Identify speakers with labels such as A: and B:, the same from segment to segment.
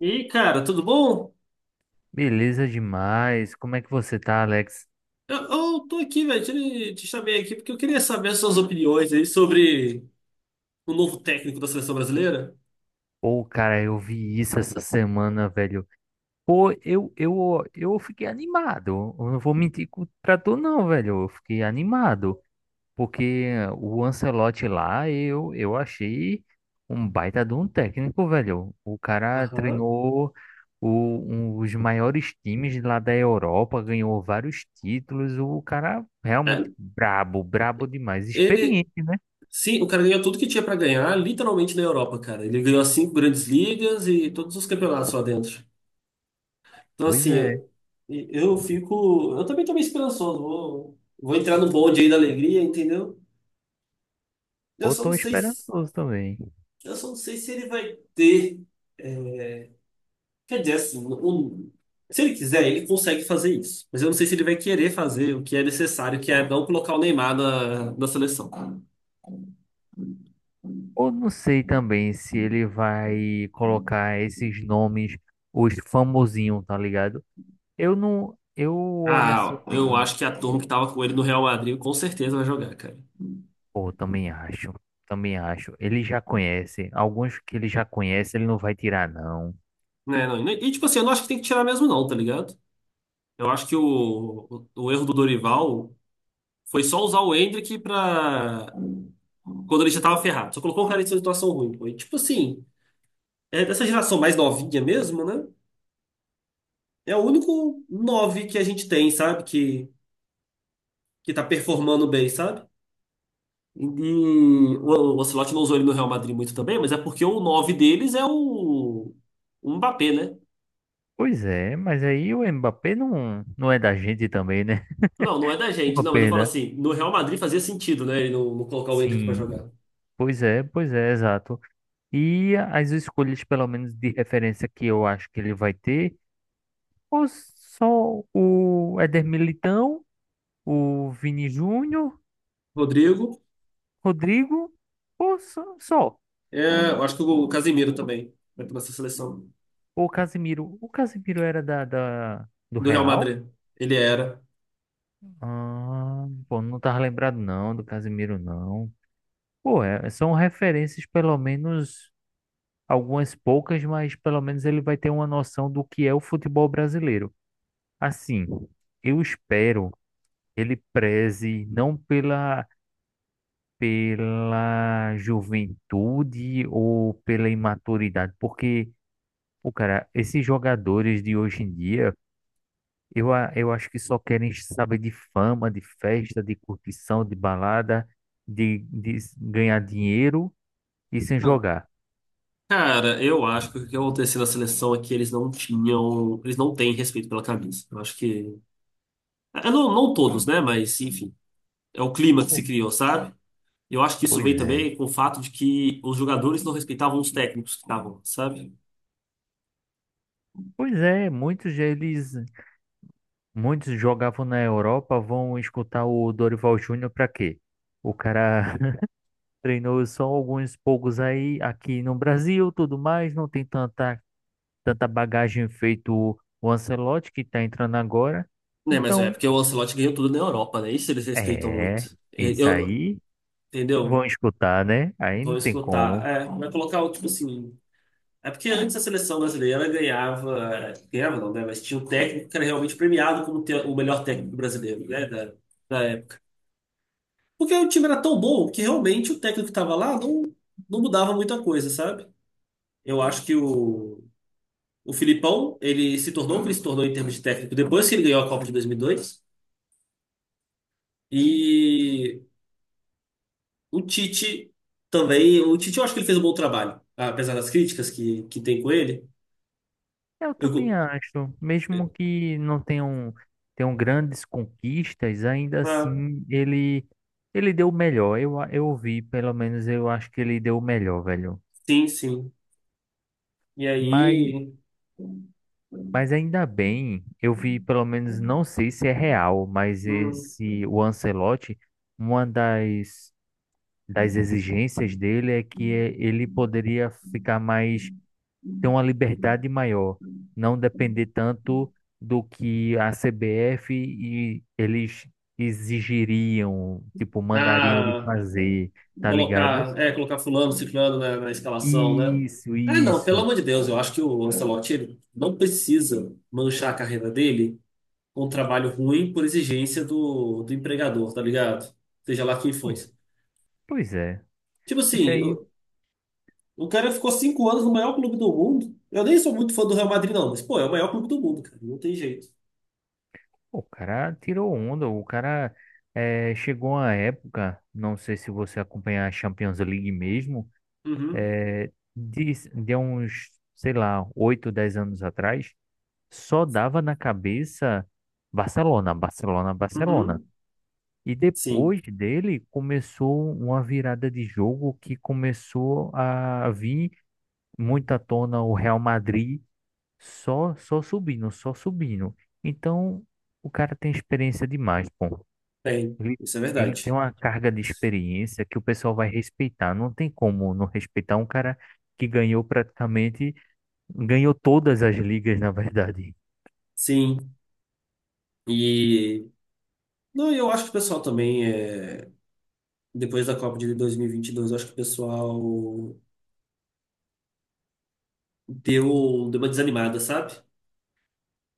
A: E aí, cara, tudo bom?
B: Beleza demais. Como é que você tá, Alex?
A: Eu, eu tô aqui, velho, te chamei aqui porque eu queria saber suas opiniões aí sobre o novo técnico da seleção brasileira.
B: Pô, cara, eu vi isso essa semana, velho. Pô, eu fiquei animado. Eu não vou mentir pra tu, não, velho. Eu fiquei animado. Porque o Ancelotti lá, eu achei um baita de um técnico, velho. O cara
A: Aham.
B: treinou os maiores times lá da Europa, ganhou vários títulos. O cara realmente
A: É,
B: brabo, brabo demais.
A: ele,
B: Experiente, né?
A: sim, o cara ganhou tudo que tinha pra ganhar, literalmente na Europa, cara. Ele ganhou as cinco grandes ligas e todos os campeonatos lá dentro. Então,
B: Pois
A: assim,
B: é.
A: eu fico. Eu também tô meio esperançoso. Vou entrar no bonde aí da alegria, entendeu? Eu
B: Eu
A: só não
B: tô
A: sei,
B: esperançoso também.
A: eu só não sei se ele vai ter. é, Quer dizer, assim, se ele quiser, ele consegue fazer isso. Mas eu não sei se ele vai querer fazer o que é necessário, que é não colocar o Neymar na seleção.
B: Eu não sei também se ele vai colocar esses nomes, os famosinhos, tá ligado? Eu não. Eu olho assim
A: Ah, eu
B: bem.
A: acho que a turma que tava com ele no Real Madrid com certeza vai jogar, cara.
B: Pô, também acho. Também acho. Ele já conhece. Alguns que ele já conhece, ele não vai tirar, não.
A: Né, não, e, tipo assim, eu não acho que tem que tirar mesmo, não, tá ligado? Eu acho que o erro do Dorival foi só usar o Endrick pra. Quando ele já tava ferrado. Só colocou o cara em situação ruim, pô. E, tipo assim, é dessa geração mais novinha mesmo, né? É o único nove que a gente tem, sabe? que tá performando bem, sabe? E o Ancelotti não usou ele no Real Madrid muito também, mas é porque o 9 deles é o Mbappé, né?
B: Pois é, mas aí o Mbappé não é da gente também, né?
A: Não, não é da gente,
B: Uma
A: não, mas eu falo
B: pena.
A: assim, no Real Madrid fazia sentido, né? Ele não colocar o Endrick pra
B: Sim.
A: jogar.
B: Pois é, exato. E as escolhas, pelo menos de referência, que eu acho que ele vai ter, os só o Éder Militão, o Vini Júnior,
A: Rodrigo,
B: Rodrigo, ou só
A: eu acho que o Casemiro também vai pra essa seleção
B: o Casimiro. O Casimiro era do
A: do Real
B: Real?
A: Madrid. Ele era.
B: Ah, pô, não tava lembrado não do Casimiro não. Pô, é- são referências, pelo menos algumas poucas, mas pelo menos ele vai ter uma noção do que é o futebol brasileiro. Assim, eu espero que ele preze não pela juventude ou pela imaturidade. Porque, pô, cara, esses jogadores de hoje em dia, eu, eu acho que só querem saber de fama, de festa, de curtição, de balada, de ganhar dinheiro e sem
A: Ah,
B: jogar.
A: cara, eu acho que o que aconteceu na seleção é que eles não tinham, eles não têm respeito pela camisa. Eu acho que, não, não todos, né? Mas enfim, é o clima que
B: Pô,
A: se criou, sabe? Eu acho que isso
B: pois
A: veio
B: é.
A: também com o fato de que os jogadores não respeitavam os técnicos que estavam, sabe?
B: Pois é, muitos deles, muitos jogavam na Europa, vão escutar o Dorival Júnior pra quê? O cara treinou só alguns poucos aí aqui no Brasil, tudo mais, não tem tanta bagagem feito o Ancelotti, que está entrando agora.
A: Né, mas é
B: Então,
A: porque o Ancelotti ganhou tudo na Europa, né? Isso eles respeitam muito.
B: é, isso
A: Eu,
B: aí vão
A: entendeu?
B: escutar, né? Aí
A: Vou
B: não tem
A: escutar.
B: como.
A: É, vai colocar o tipo assim. É porque antes a seleção brasileira ganhava, é, ganhava não, né? Mas tinha um técnico que era realmente premiado como o melhor técnico brasileiro, né? Da época. Porque o time era tão bom que realmente o técnico que estava lá não mudava muita coisa, sabe? Eu acho que o Filipão, ele se tornou o que ele se tornou em termos de técnico depois que ele ganhou a Copa de 2002. E dois. E o Tite também. O Tite, eu acho que ele fez um bom trabalho, apesar das críticas que tem com ele.
B: Eu
A: Eu,
B: também
A: go-
B: acho, mesmo que não tenham, tenham grandes conquistas, ainda
A: ah,
B: assim ele deu o melhor. Eu, eu vi, pelo menos eu acho que ele deu o melhor, velho.
A: sim, sim. E
B: Mas,
A: aí.
B: mas ainda bem, eu vi, pelo menos, não sei se é real, mas
A: hum,
B: esse, o Ancelotti, uma das exigências dele é que ele poderia ficar mais, ter uma liberdade maior, não depender tanto do que a CBF e eles exigiriam, tipo, mandariam ele
A: ah,
B: fazer, tá ligado?
A: colocar fulano, ciclano na escalação, né?
B: Isso,
A: Ah, não, pelo
B: isso.
A: amor de Deus, eu acho que o Ancelotti ele não precisa manchar a carreira dele um trabalho ruim por exigência do empregador, tá ligado? Seja lá quem
B: Pois,
A: fosse.
B: pois é.
A: Tipo
B: Isso
A: assim,
B: aí,
A: o cara ficou 5 anos no maior clube do mundo. Eu nem sou muito fã do Real Madrid, não, mas, pô, é o maior clube do mundo, cara. Não tem jeito.
B: pô, o cara tirou onda, o cara, chegou a época, não sei se você acompanha a Champions League mesmo,
A: Uhum,
B: de uns, sei lá, 8 a 10 anos atrás, só dava na cabeça Barcelona, Barcelona, Barcelona.
A: uhum.
B: E
A: Sim,
B: depois dele começou uma virada de jogo que começou a vir muito à tona o Real Madrid, só subindo, só subindo. Então o cara tem experiência demais, pô.
A: tem.
B: Ele,
A: Isso é
B: ele tem
A: verdade.
B: uma carga de experiência que o pessoal vai respeitar. Não tem como não respeitar um cara que ganhou praticamente, ganhou todas as ligas, na verdade.
A: Sim. E. Não, eu acho que o pessoal também, depois da Copa de 2022, eu acho que o pessoal deu uma desanimada, sabe?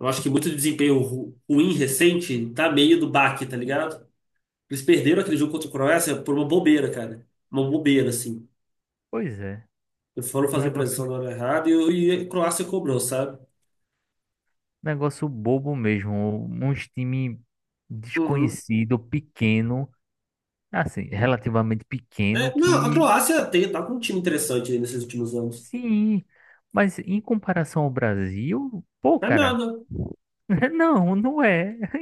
A: Eu acho que muito desempenho ruim recente tá meio do baque, tá ligado? Eles perderam aquele jogo contra a Croácia por uma bobeira, cara. Uma bobeira, assim.
B: Pois é,
A: Eles foram fazer
B: negócio,
A: pressão na hora errada e a Croácia cobrou, sabe?
B: negócio bobo mesmo. Uns time
A: Uhum.
B: desconhecido, pequeno, assim, relativamente pequeno,
A: É, não, a
B: que
A: Croácia tem, tá com um time interessante aí nesses últimos anos.
B: sim, mas em comparação ao Brasil, pô,
A: Não é
B: cara,
A: nada,
B: não é.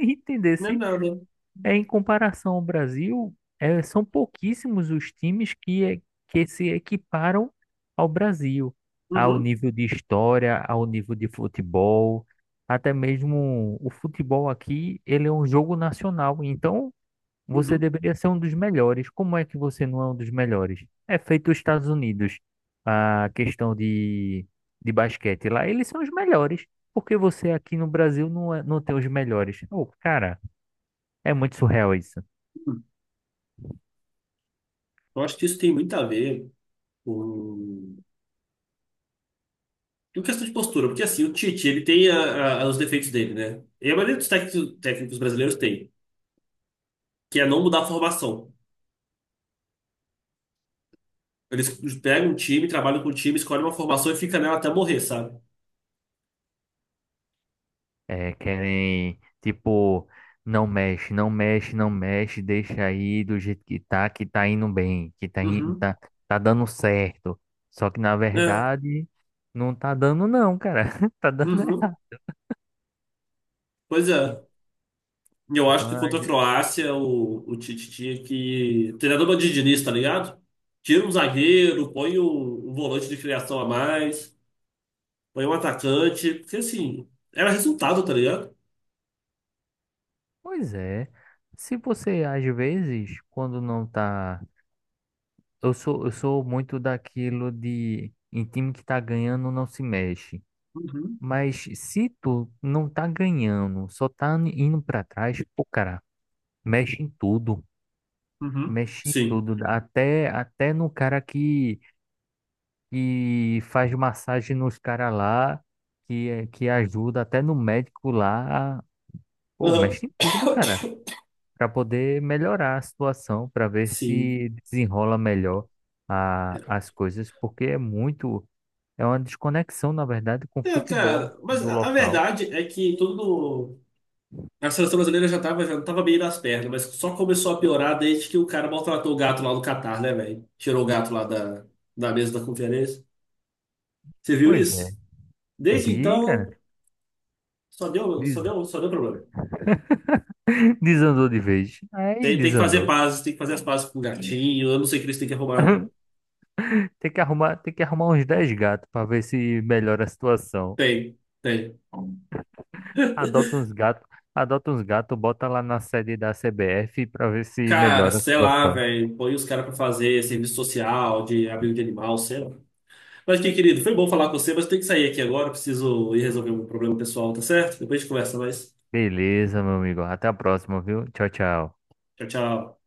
A: não é
B: Entendesse?
A: nada.
B: É, em comparação ao Brasil, é, são pouquíssimos os times que, é- que se equiparam ao Brasil, ao
A: Uhum,
B: nível de história, ao nível de futebol. Até mesmo o futebol aqui, ele é um jogo nacional, então você
A: uhum,
B: deveria ser um dos melhores. Como é que você não é um dos melhores? É feito os Estados Unidos, a questão de basquete lá, eles são os melhores. Por que você aqui no Brasil não, é- não tem os melhores? Ô, cara, é muito surreal isso.
A: uhum. Eu acho que isso tem muito a ver com... com questão de postura, porque assim, o Tite, ele tem os defeitos dele, né? E a maioria dos técnicos brasileiros tem, que é não mudar a formação. Eles pegam um time, trabalham com o time, escolhem uma formação e fica nela até morrer, sabe?
B: É, querem, tipo, não mexe, deixa aí do jeito que tá indo bem, que tá,
A: Uhum.
B: tá dando certo. Só que na
A: É,
B: verdade, não tá dando não, cara. Tá dando
A: uhum,
B: errado.
A: pois é. E eu
B: Então,
A: acho que contra a Croácia o Tite tinha que. Treinador bandidinista, tá ligado? Tira um zagueiro, põe o volante de criação a mais, põe um atacante, porque assim, era resultado, tá ligado?
B: pois é. Se você, às vezes, quando não tá... eu sou muito daquilo de em time que tá ganhando não se mexe.
A: Uhum,
B: Mas se tu não tá ganhando, só tá indo pra trás, pô, cara, mexe em tudo.
A: uhum.
B: Mexe em
A: Sim.
B: tudo. Até no cara que faz massagem nos caras lá, que, que ajuda, até no médico lá. Pô,
A: Aham,
B: mexe em tudo, cara, para poder melhorar a situação, para ver
A: sim.
B: se desenrola melhor
A: É,
B: as coisas, porque é muito, é uma desconexão, na verdade, com o
A: é,
B: futebol
A: cara, mas
B: do
A: a
B: local.
A: verdade é que todo a seleção brasileira já tava bem nas pernas, mas só começou a piorar desde que o cara maltratou o gato lá do Catar, né, velho? Tirou o gato lá da mesa da conferência. Você viu
B: Pois é,
A: isso? Desde
B: vi,
A: então,
B: cara,
A: só deu, só
B: des-
A: deu, só deu problema.
B: desandou de vez. Aí
A: Tem, tem que fazer
B: desandou.
A: paz, tem que fazer as pazes com o gatinho. Eu não sei o que eles têm que arrumar, não.
B: Tem que arrumar uns 10 gatos para ver se melhora a situação.
A: Tem, tem.
B: Adota uns gatos, adota uns gatos, bota lá na sede da CBF para ver se
A: Cara,
B: melhora a
A: sei lá,
B: situação.
A: velho. Põe os caras pra fazer serviço social, de abrigo de animal, sei lá. Mas, que querido, foi bom falar com você, mas eu tenho que sair aqui agora. Preciso ir resolver um problema pessoal, tá certo? Depois a gente conversa mais.
B: Beleza, meu amigo. Até a próxima, viu? Tchau, tchau.
A: Tchau, tchau.